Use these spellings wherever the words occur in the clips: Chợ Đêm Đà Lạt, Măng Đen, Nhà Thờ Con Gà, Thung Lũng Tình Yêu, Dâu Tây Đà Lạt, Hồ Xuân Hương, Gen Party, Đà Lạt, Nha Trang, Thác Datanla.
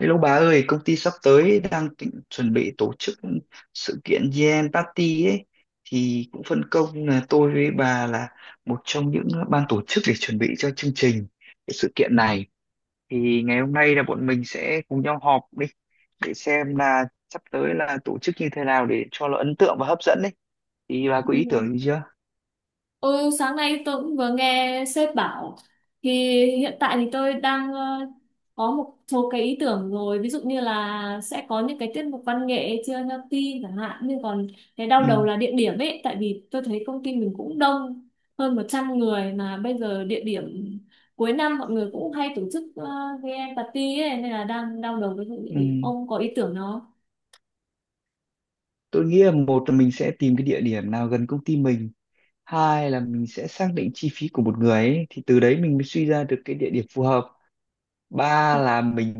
Hello bà ơi, công ty sắp tới đang tính, chuẩn bị tổ chức sự kiện Gen Party ấy, thì cũng phân công là tôi với bà là một trong những ban tổ chức để chuẩn bị cho chương trình cái sự kiện này. Thì ngày hôm nay là bọn mình sẽ cùng nhau họp đi để xem là sắp tới là tổ chức như thế nào để cho nó ấn tượng và hấp dẫn đấy. Thì bà có Ừ. ý tưởng gì chưa? Ôi, sáng nay tôi cũng vừa nghe sếp bảo thì hiện tại thì tôi đang có một số cái ý tưởng rồi, ví dụ như là sẽ có những cái tiết mục văn nghệ chưa healthy chẳng hạn. Nhưng còn cái đau Ừ, đầu là địa điểm ấy, tại vì tôi thấy công ty mình cũng đông hơn 100 người mà bây giờ địa điểm cuối năm mọi người cũng hay tổ chức cái party ấy, nên là đang đau đầu với vụ địa ừ. điểm. Ông có ý tưởng nó... Tôi nghĩ là, một là mình sẽ tìm cái địa điểm nào gần công ty mình, hai là mình sẽ xác định chi phí của một người ấy, thì từ đấy mình mới suy ra được cái địa điểm phù hợp, ba là mình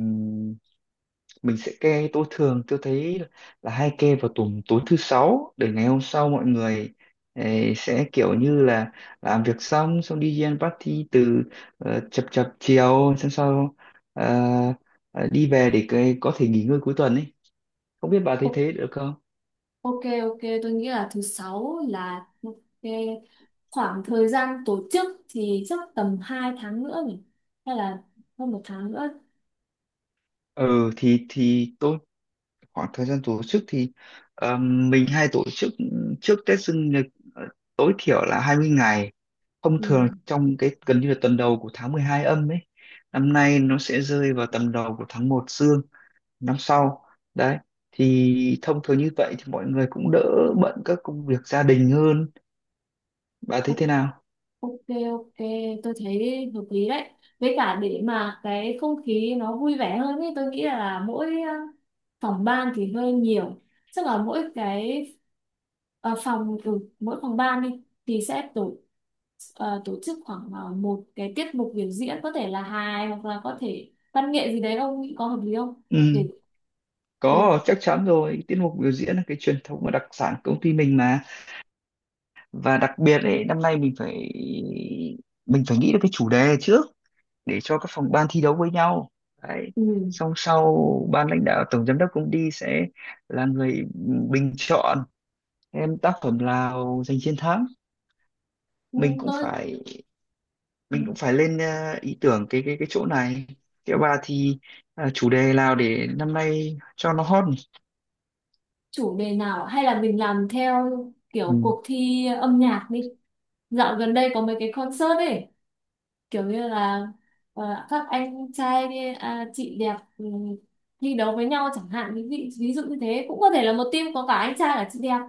mình sẽ kê. Tôi thường tôi thấy là hay kê vào tuần tối thứ sáu để ngày hôm sau mọi người sẽ kiểu như là làm việc xong, xong đi ăn party từ chập chập chiều, xong sau ờ, đi về để cái, có thể nghỉ ngơi cuối tuần ấy. Không biết bà thấy thế được không? Ok, ok, tôi nghĩ là thứ sáu là cái khoảng thời gian tổ chức thì chắc tầm 2 tháng nữa nhỉ, hay là hơn một tháng nữa. Ừ thì tôi, khoảng thời gian tổ chức thì ờ, mình hay tổ chức trước Tết dương lịch, ờ, tối thiểu là 20 ngày, thông Ừ. thường trong cái gần như là tuần đầu của tháng 12 âm ấy. Năm nay nó sẽ rơi vào tầm đầu của tháng một dương năm sau đấy, thì thông thường như vậy thì mọi người cũng đỡ bận các công việc gia đình hơn. Bà thấy O- thế nào? Ok, ok, tôi thấy hợp lý đấy. Với cả để mà cái không khí nó vui vẻ hơn ấy, tôi nghĩ là mỗi phòng ban thì hơi nhiều, chắc là mỗi cái ờ, phòng ừ, mỗi phòng ban đi thì sẽ tổ chức khoảng một cái tiết mục biểu diễn, có thể là hài hoặc là có thể văn nghệ gì đấy. Ông nghĩ có hợp lý không để Ừ, có ừ, chắc chắn rồi, tiết mục biểu diễn là cái truyền thống và đặc sản của công ty mình mà. Và đặc biệt ấy, năm nay mình phải, mình phải nghĩ được cái chủ đề trước để cho các phòng ban thi đấu với nhau đấy. ừ. Xong sau, ban lãnh đạo tổng giám đốc cũng đi, sẽ là người bình chọn em tác phẩm nào giành chiến thắng. Ừ, Mình cũng tôi phải, ừ. mình cũng phải lên ý tưởng cái chỗ này, cái. Bà thì chủ đề nào để năm nay cho nó hot nhỉ? Chủ đề nào ạ? Hay là mình làm theo kiểu Ừ. cuộc thi âm nhạc đi. Dạo gần đây có mấy cái concert ấy, kiểu như là các anh trai à, chị đẹp thi đấu với nhau chẳng hạn. Ví dụ như thế, cũng có thể là một team có cả anh trai cả chị đẹp.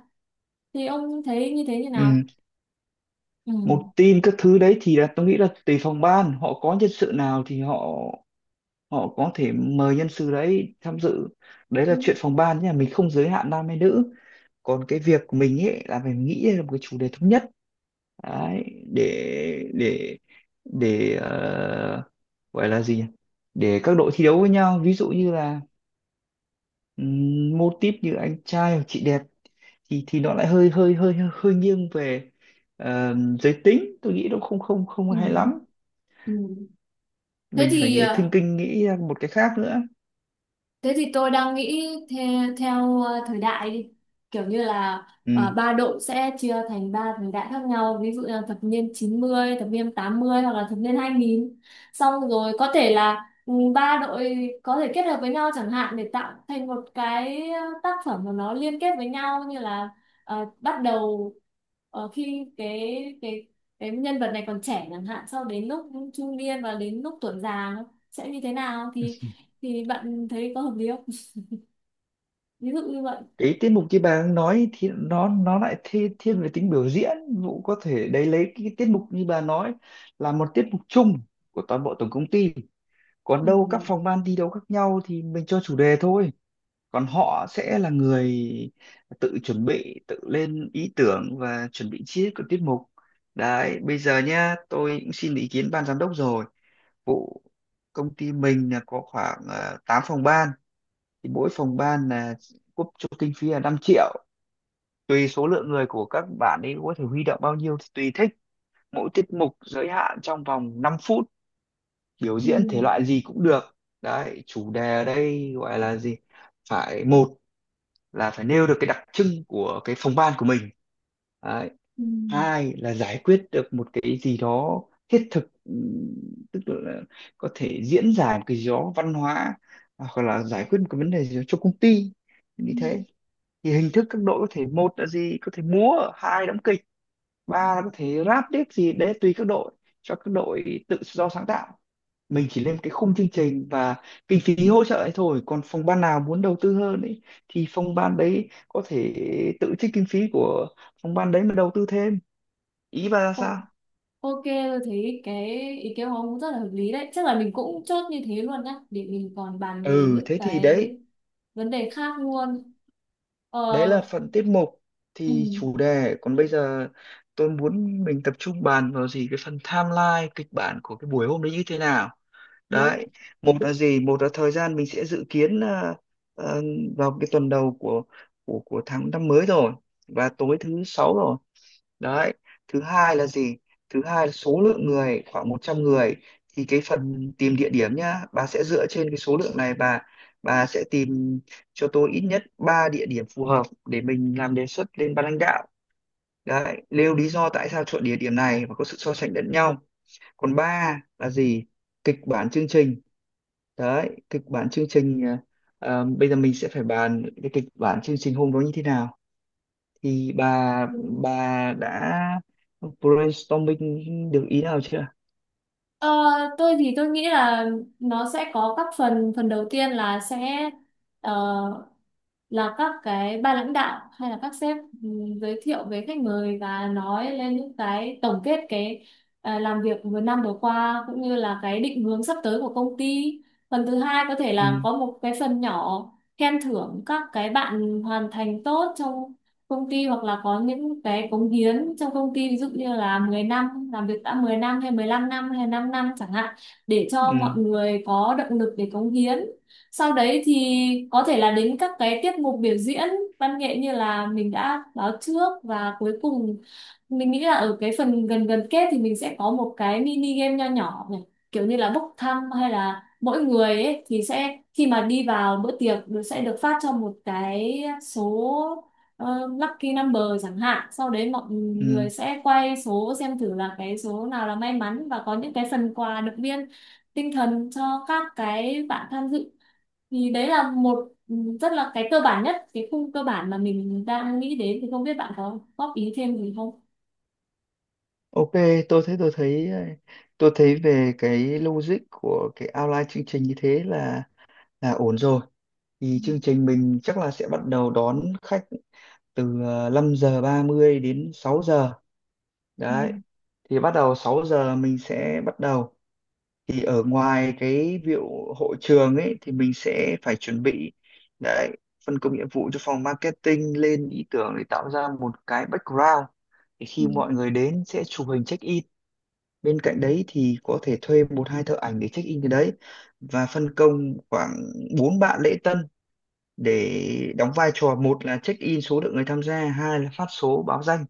Thì ông thấy như thế như nào? Ừ. Ừ. Một tin các thứ đấy thì là tôi nghĩ là tùy phòng ban, họ có nhân sự nào thì họ họ có thể mời nhân sự đấy tham dự. Đấy Ừ. là chuyện phòng ban nha, mình không giới hạn nam hay nữ. Còn cái việc mình ấy là phải nghĩ ra một cái chủ đề thống nhất đấy, để để để gọi là gì nhỉ, để các đội thi đấu với nhau. Ví dụ như là mô típ như anh trai hoặc chị đẹp thì nó lại hơi hơi hơi hơi nghiêng về ờ, giới tính, tôi nghĩ nó không không không Ừ. hay lắm. Ừ. thế Mình thì phải ờ, thinking, nghĩ ra một cái khác nữa. Thế thì tôi đang nghĩ theo thời đại đi. Kiểu như là Ừ. ba đội sẽ chia thành ba thời đại khác nhau. Ví dụ là thập niên 90, thập niên 80 hoặc là thập niên 2000. Xong rồi có thể là ba đội có thể kết hợp với nhau chẳng hạn, để tạo thành một cái tác phẩm mà nó liên kết với nhau, như là bắt đầu khi cái nhân vật này còn trẻ chẳng hạn, sau đến lúc trung niên và đến lúc tuổi già nó sẽ như thế nào. Thì bạn thấy có hợp lý không, ví dụ như vậy? Cái tiết mục kia bà đang nói thì nó lại thi, thiên về tính biểu diễn. Vụ có thể đấy, lấy cái tiết mục như bà nói là một tiết mục chung của toàn bộ tổng công ty, còn Ừ. đâu các phòng ban thi đấu khác nhau thì mình cho chủ đề thôi. Còn họ sẽ là người tự chuẩn bị, tự lên ý tưởng và chuẩn bị chi tiết của tiết mục đấy. Bây giờ nhá, tôi cũng xin ý kiến ban giám đốc rồi vụ công ty mình là có khoảng 8 phòng ban, thì mỗi phòng ban là quốc cho kinh phí là 5.000.000, tùy số lượng người của các bạn ấy có thể huy động bao nhiêu thì tùy thích. Mỗi tiết mục giới hạn trong vòng 5 phút, biểu diễn thể Ừ. loại gì cũng được. Đấy, chủ đề ở đây gọi là gì, phải, một là phải nêu được cái đặc trưng của cái phòng ban của mình đấy. Ừ. Hai là giải quyết được một cái gì đó thiết thực, tức là có thể diễn giải một cái gì đó văn hóa hoặc là giải quyết một cái vấn đề gì đó cho công ty như Ừ. thế. Thì hình thức các đội có thể, một là gì, có thể múa, hai đóng kịch, ba là có thể rap tiếp gì đấy, tùy các đội, cho các đội tự do sáng tạo. Mình chỉ lên cái khung chương trình và kinh phí hỗ trợ ấy thôi, còn phòng ban nào muốn đầu tư hơn ấy thì phòng ban đấy có thể tự trích kinh phí của phòng ban đấy mà đầu tư thêm. Ý bà ra sao? Ồ, ok, tôi thấy cái ý kiến của ông cũng rất là hợp lý đấy. Chắc là mình cũng chốt như thế luôn nhá, để mình còn bàn về Ừ những thế thì cái đấy, vấn đề khác luôn. ờ đấy là phần tiết mục, ừ, thì chủ đề. Còn bây giờ tôi muốn mình tập trung bàn vào gì cái phần timeline, kịch bản của cái buổi hôm đấy như thế nào. đúng. Đấy, một là gì, một là thời gian mình sẽ dự kiến là ờ, vào cái tuần đầu của của tháng năm mới rồi và tối thứ sáu rồi đấy. Thứ hai là gì, thứ hai là số lượng người khoảng 100 người, thì cái phần tìm địa điểm nhá, bà sẽ dựa trên cái số lượng này, bà sẽ tìm cho tôi ít nhất 3 địa điểm phù hợp để mình làm đề xuất lên ban lãnh đạo đấy, nêu lý do tại sao chọn địa điểm này và có sự so sánh lẫn nhau. Còn ba là gì, kịch bản chương trình. Đấy, kịch bản chương trình, bây giờ mình sẽ phải bàn cái kịch bản chương trình hôm đó như thế nào. Thì bà Ừ. bà đã brainstorming được ý nào chưa? ờ, tôi thì tôi nghĩ là nó sẽ có các phần phần đầu tiên là sẽ ờ, là các cái ban lãnh đạo hay là các sếp ừ, giới thiệu với khách mời và nói lên những cái tổng kết cái làm việc vừa năm vừa qua, cũng như là cái định hướng sắp tới của công ty. Phần thứ hai có thể Ừ, là có một cái phần nhỏ khen thưởng các cái bạn hoàn thành tốt trong công ty, hoặc là có những cái cống hiến trong công ty, ví dụ như là 10 năm làm việc đã 10 năm hay 15 năm hay 5 năm chẳng hạn, để cho mọi ừ, người có động lực để cống hiến. Sau đấy thì có thể là đến các cái tiết mục biểu diễn văn nghệ như là mình đã báo trước, và cuối cùng mình nghĩ là ở cái phần gần gần kết thì mình sẽ có một cái mini game nho nhỏ này, kiểu như là bốc thăm, hay là mỗi người ấy thì sẽ khi mà đi vào bữa tiệc nó sẽ được phát cho một cái số lucky number chẳng hạn, sau đấy mọi ừ, người sẽ quay số xem thử là cái số nào là may mắn và có những cái phần quà động viên tinh thần cho các cái bạn tham dự. Thì đấy là rất là cái cơ bản nhất cái khung cơ bản mà mình đang nghĩ đến. Thì không biết bạn có góp ý thêm gì không? ok. tôi thấy tôi thấy à, tôi thấy về cái logic của cái outline chương trình như thế là ổn rồi. Thì Ừ, chương trình mình chắc là sẽ bắt đầu đón khách từ 5 giờ 30 đến 6 giờ ừ, đấy. Thì bắt đầu 6 giờ mình sẽ bắt đầu. Thì ở ngoài cái vụ hội trường ấy thì mình sẽ phải chuẩn bị đấy, phân công nhiệm vụ cho phòng marketing lên ý tưởng để tạo ra một cái background để khi mọi người đến sẽ chụp hình check in. Bên cạnh đấy thì có thể thuê một hai thợ ảnh để check in cái đấy và phân công khoảng bốn bạn lễ tân để đóng vai trò, một là check in số lượng người tham gia, hai là phát số báo danh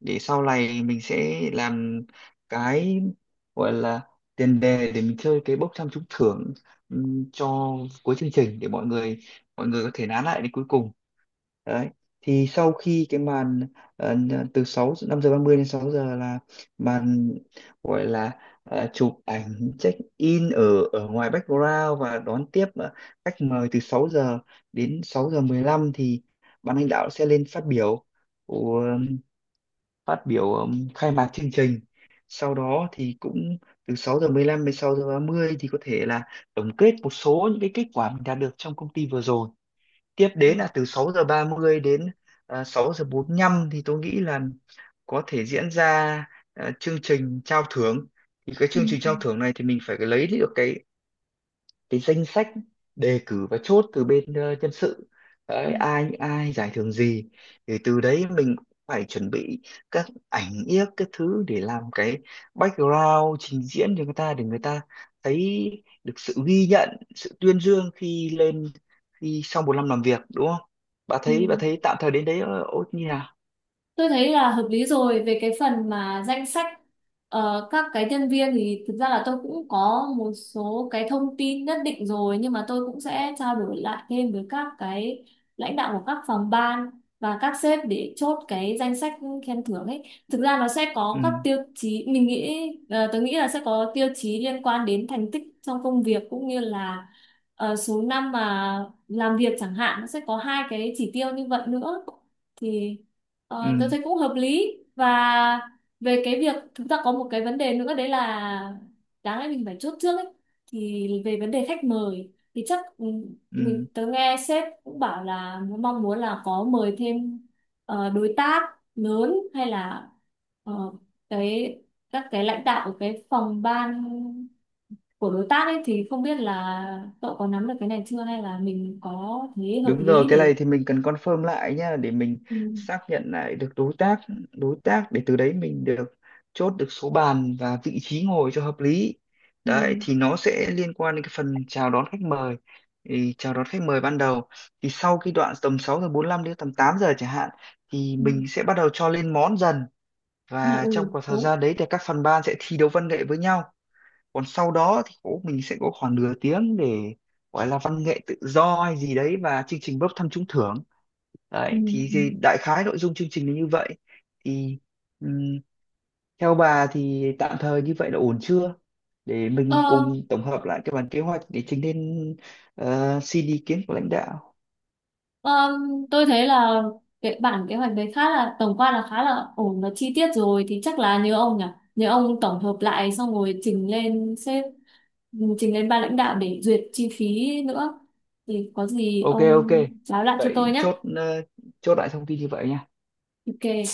để sau này mình sẽ làm cái, gọi là tiền đề để mình chơi cái bốc thăm trúng thưởng cho cuối chương trình để mọi người có thể nán lại đến cuối cùng đấy. Thì sau khi cái màn ờ, từ 6 5 giờ 30 đến 6 giờ là màn gọi là chụp ảnh check in ở ở ngoài background và đón tiếp khách mời, từ 6 giờ đến 6 giờ 15 thì ban lãnh đạo sẽ lên phát biểu, phát biểu khai mạc chương trình. Sau đó thì cũng từ 6 giờ 15 đến 6 giờ 30 thì có thể là tổng kết một số những cái kết quả mình đạt được trong công ty vừa rồi. Tiếp ừ, đến là từ 6 giờ 30 đến 6 giờ 45 thì tôi nghĩ là có thể diễn ra chương trình trao thưởng. Thì cái ừ. chương trình Ừ, trao thưởng này thì mình phải lấy được cái danh sách đề cử và chốt từ bên nhân sự ừ, đấy, ai, những ai giải thưởng gì. Thì từ đấy mình cũng phải chuẩn bị các ảnh yếc các thứ để làm cái background trình diễn cho người ta, để người ta thấy được sự ghi nhận, sự tuyên dương khi lên, khi sau một năm làm việc, đúng không? Bà thấy ừ. tạm thời đến đấy ô như nào? Tôi thấy là hợp lý rồi. Về cái phần mà danh sách các cái nhân viên thì thực ra là tôi cũng có một số cái thông tin nhất định rồi, nhưng mà tôi cũng sẽ trao đổi lại thêm với các cái lãnh đạo của các phòng ban và các sếp để chốt cái danh sách khen thưởng ấy. Thực ra nó sẽ có Ừ, các tiêu chí mình nghĩ, tôi nghĩ là sẽ có tiêu chí liên quan đến thành tích trong công việc, cũng như là số năm mà làm việc chẳng hạn, nó sẽ có hai cái chỉ tiêu như vậy nữa. Thì ừ, ờ, tôi thấy cũng hợp lý. Và về cái việc chúng ta có một cái vấn đề nữa đấy là đáng lẽ mình phải chốt trước ấy, thì về vấn đề khách mời thì chắc mình ừ. tớ nghe sếp cũng bảo là mong muốn là có mời thêm đối tác lớn, hay là ờ, cái các cái lãnh đạo của cái phòng ban của đối tác ấy. Thì không biết là cậu có nắm được cái này chưa, hay là mình có thấy hợp Đúng rồi, lý cái này để... thì mình cần confirm lại nhá để mình Ừ, xác nhận lại được đối tác, đối tác, để từ đấy mình được chốt được số bàn và vị trí ngồi cho hợp lý. ừ, Đấy thì nó sẽ liên quan đến cái phần chào đón khách mời. Thì chào đón khách mời ban đầu thì sau cái đoạn tầm 6 giờ 45 đến tầm 8 giờ chẳng hạn thì ừ, mình sẽ bắt đầu cho lên món dần, ừ, và trong khoảng thời đúng. gian đấy thì các phần ban sẽ thi đấu văn nghệ với nhau. Còn sau đó thì cũng mình sẽ có khoảng nửa tiếng để gọi là văn nghệ tự do hay gì đấy và chương trình bốc thăm trúng thưởng Ừ, đấy. thì, ừ. thì đại khái nội dung chương trình là như vậy. Thì ừm, theo bà thì tạm thời như vậy là ổn chưa, để mình Ờ, cùng tổng hợp lại cái bản kế hoạch để trình lên xin ý kiến của lãnh đạo. ờ, tôi thấy là cái bản kế hoạch đấy khá là tổng quan, là khá là ổn và chi tiết rồi. Thì chắc là nhớ ông nhỉ, nhớ ông tổng hợp lại xong rồi trình lên sếp, trình lên ban lãnh đạo để duyệt chi phí nữa. Thì có gì Ok, ok. ông báo lại cho tôi Vậy nhé. chốt chốt lại thông tin như vậy nha. Ok.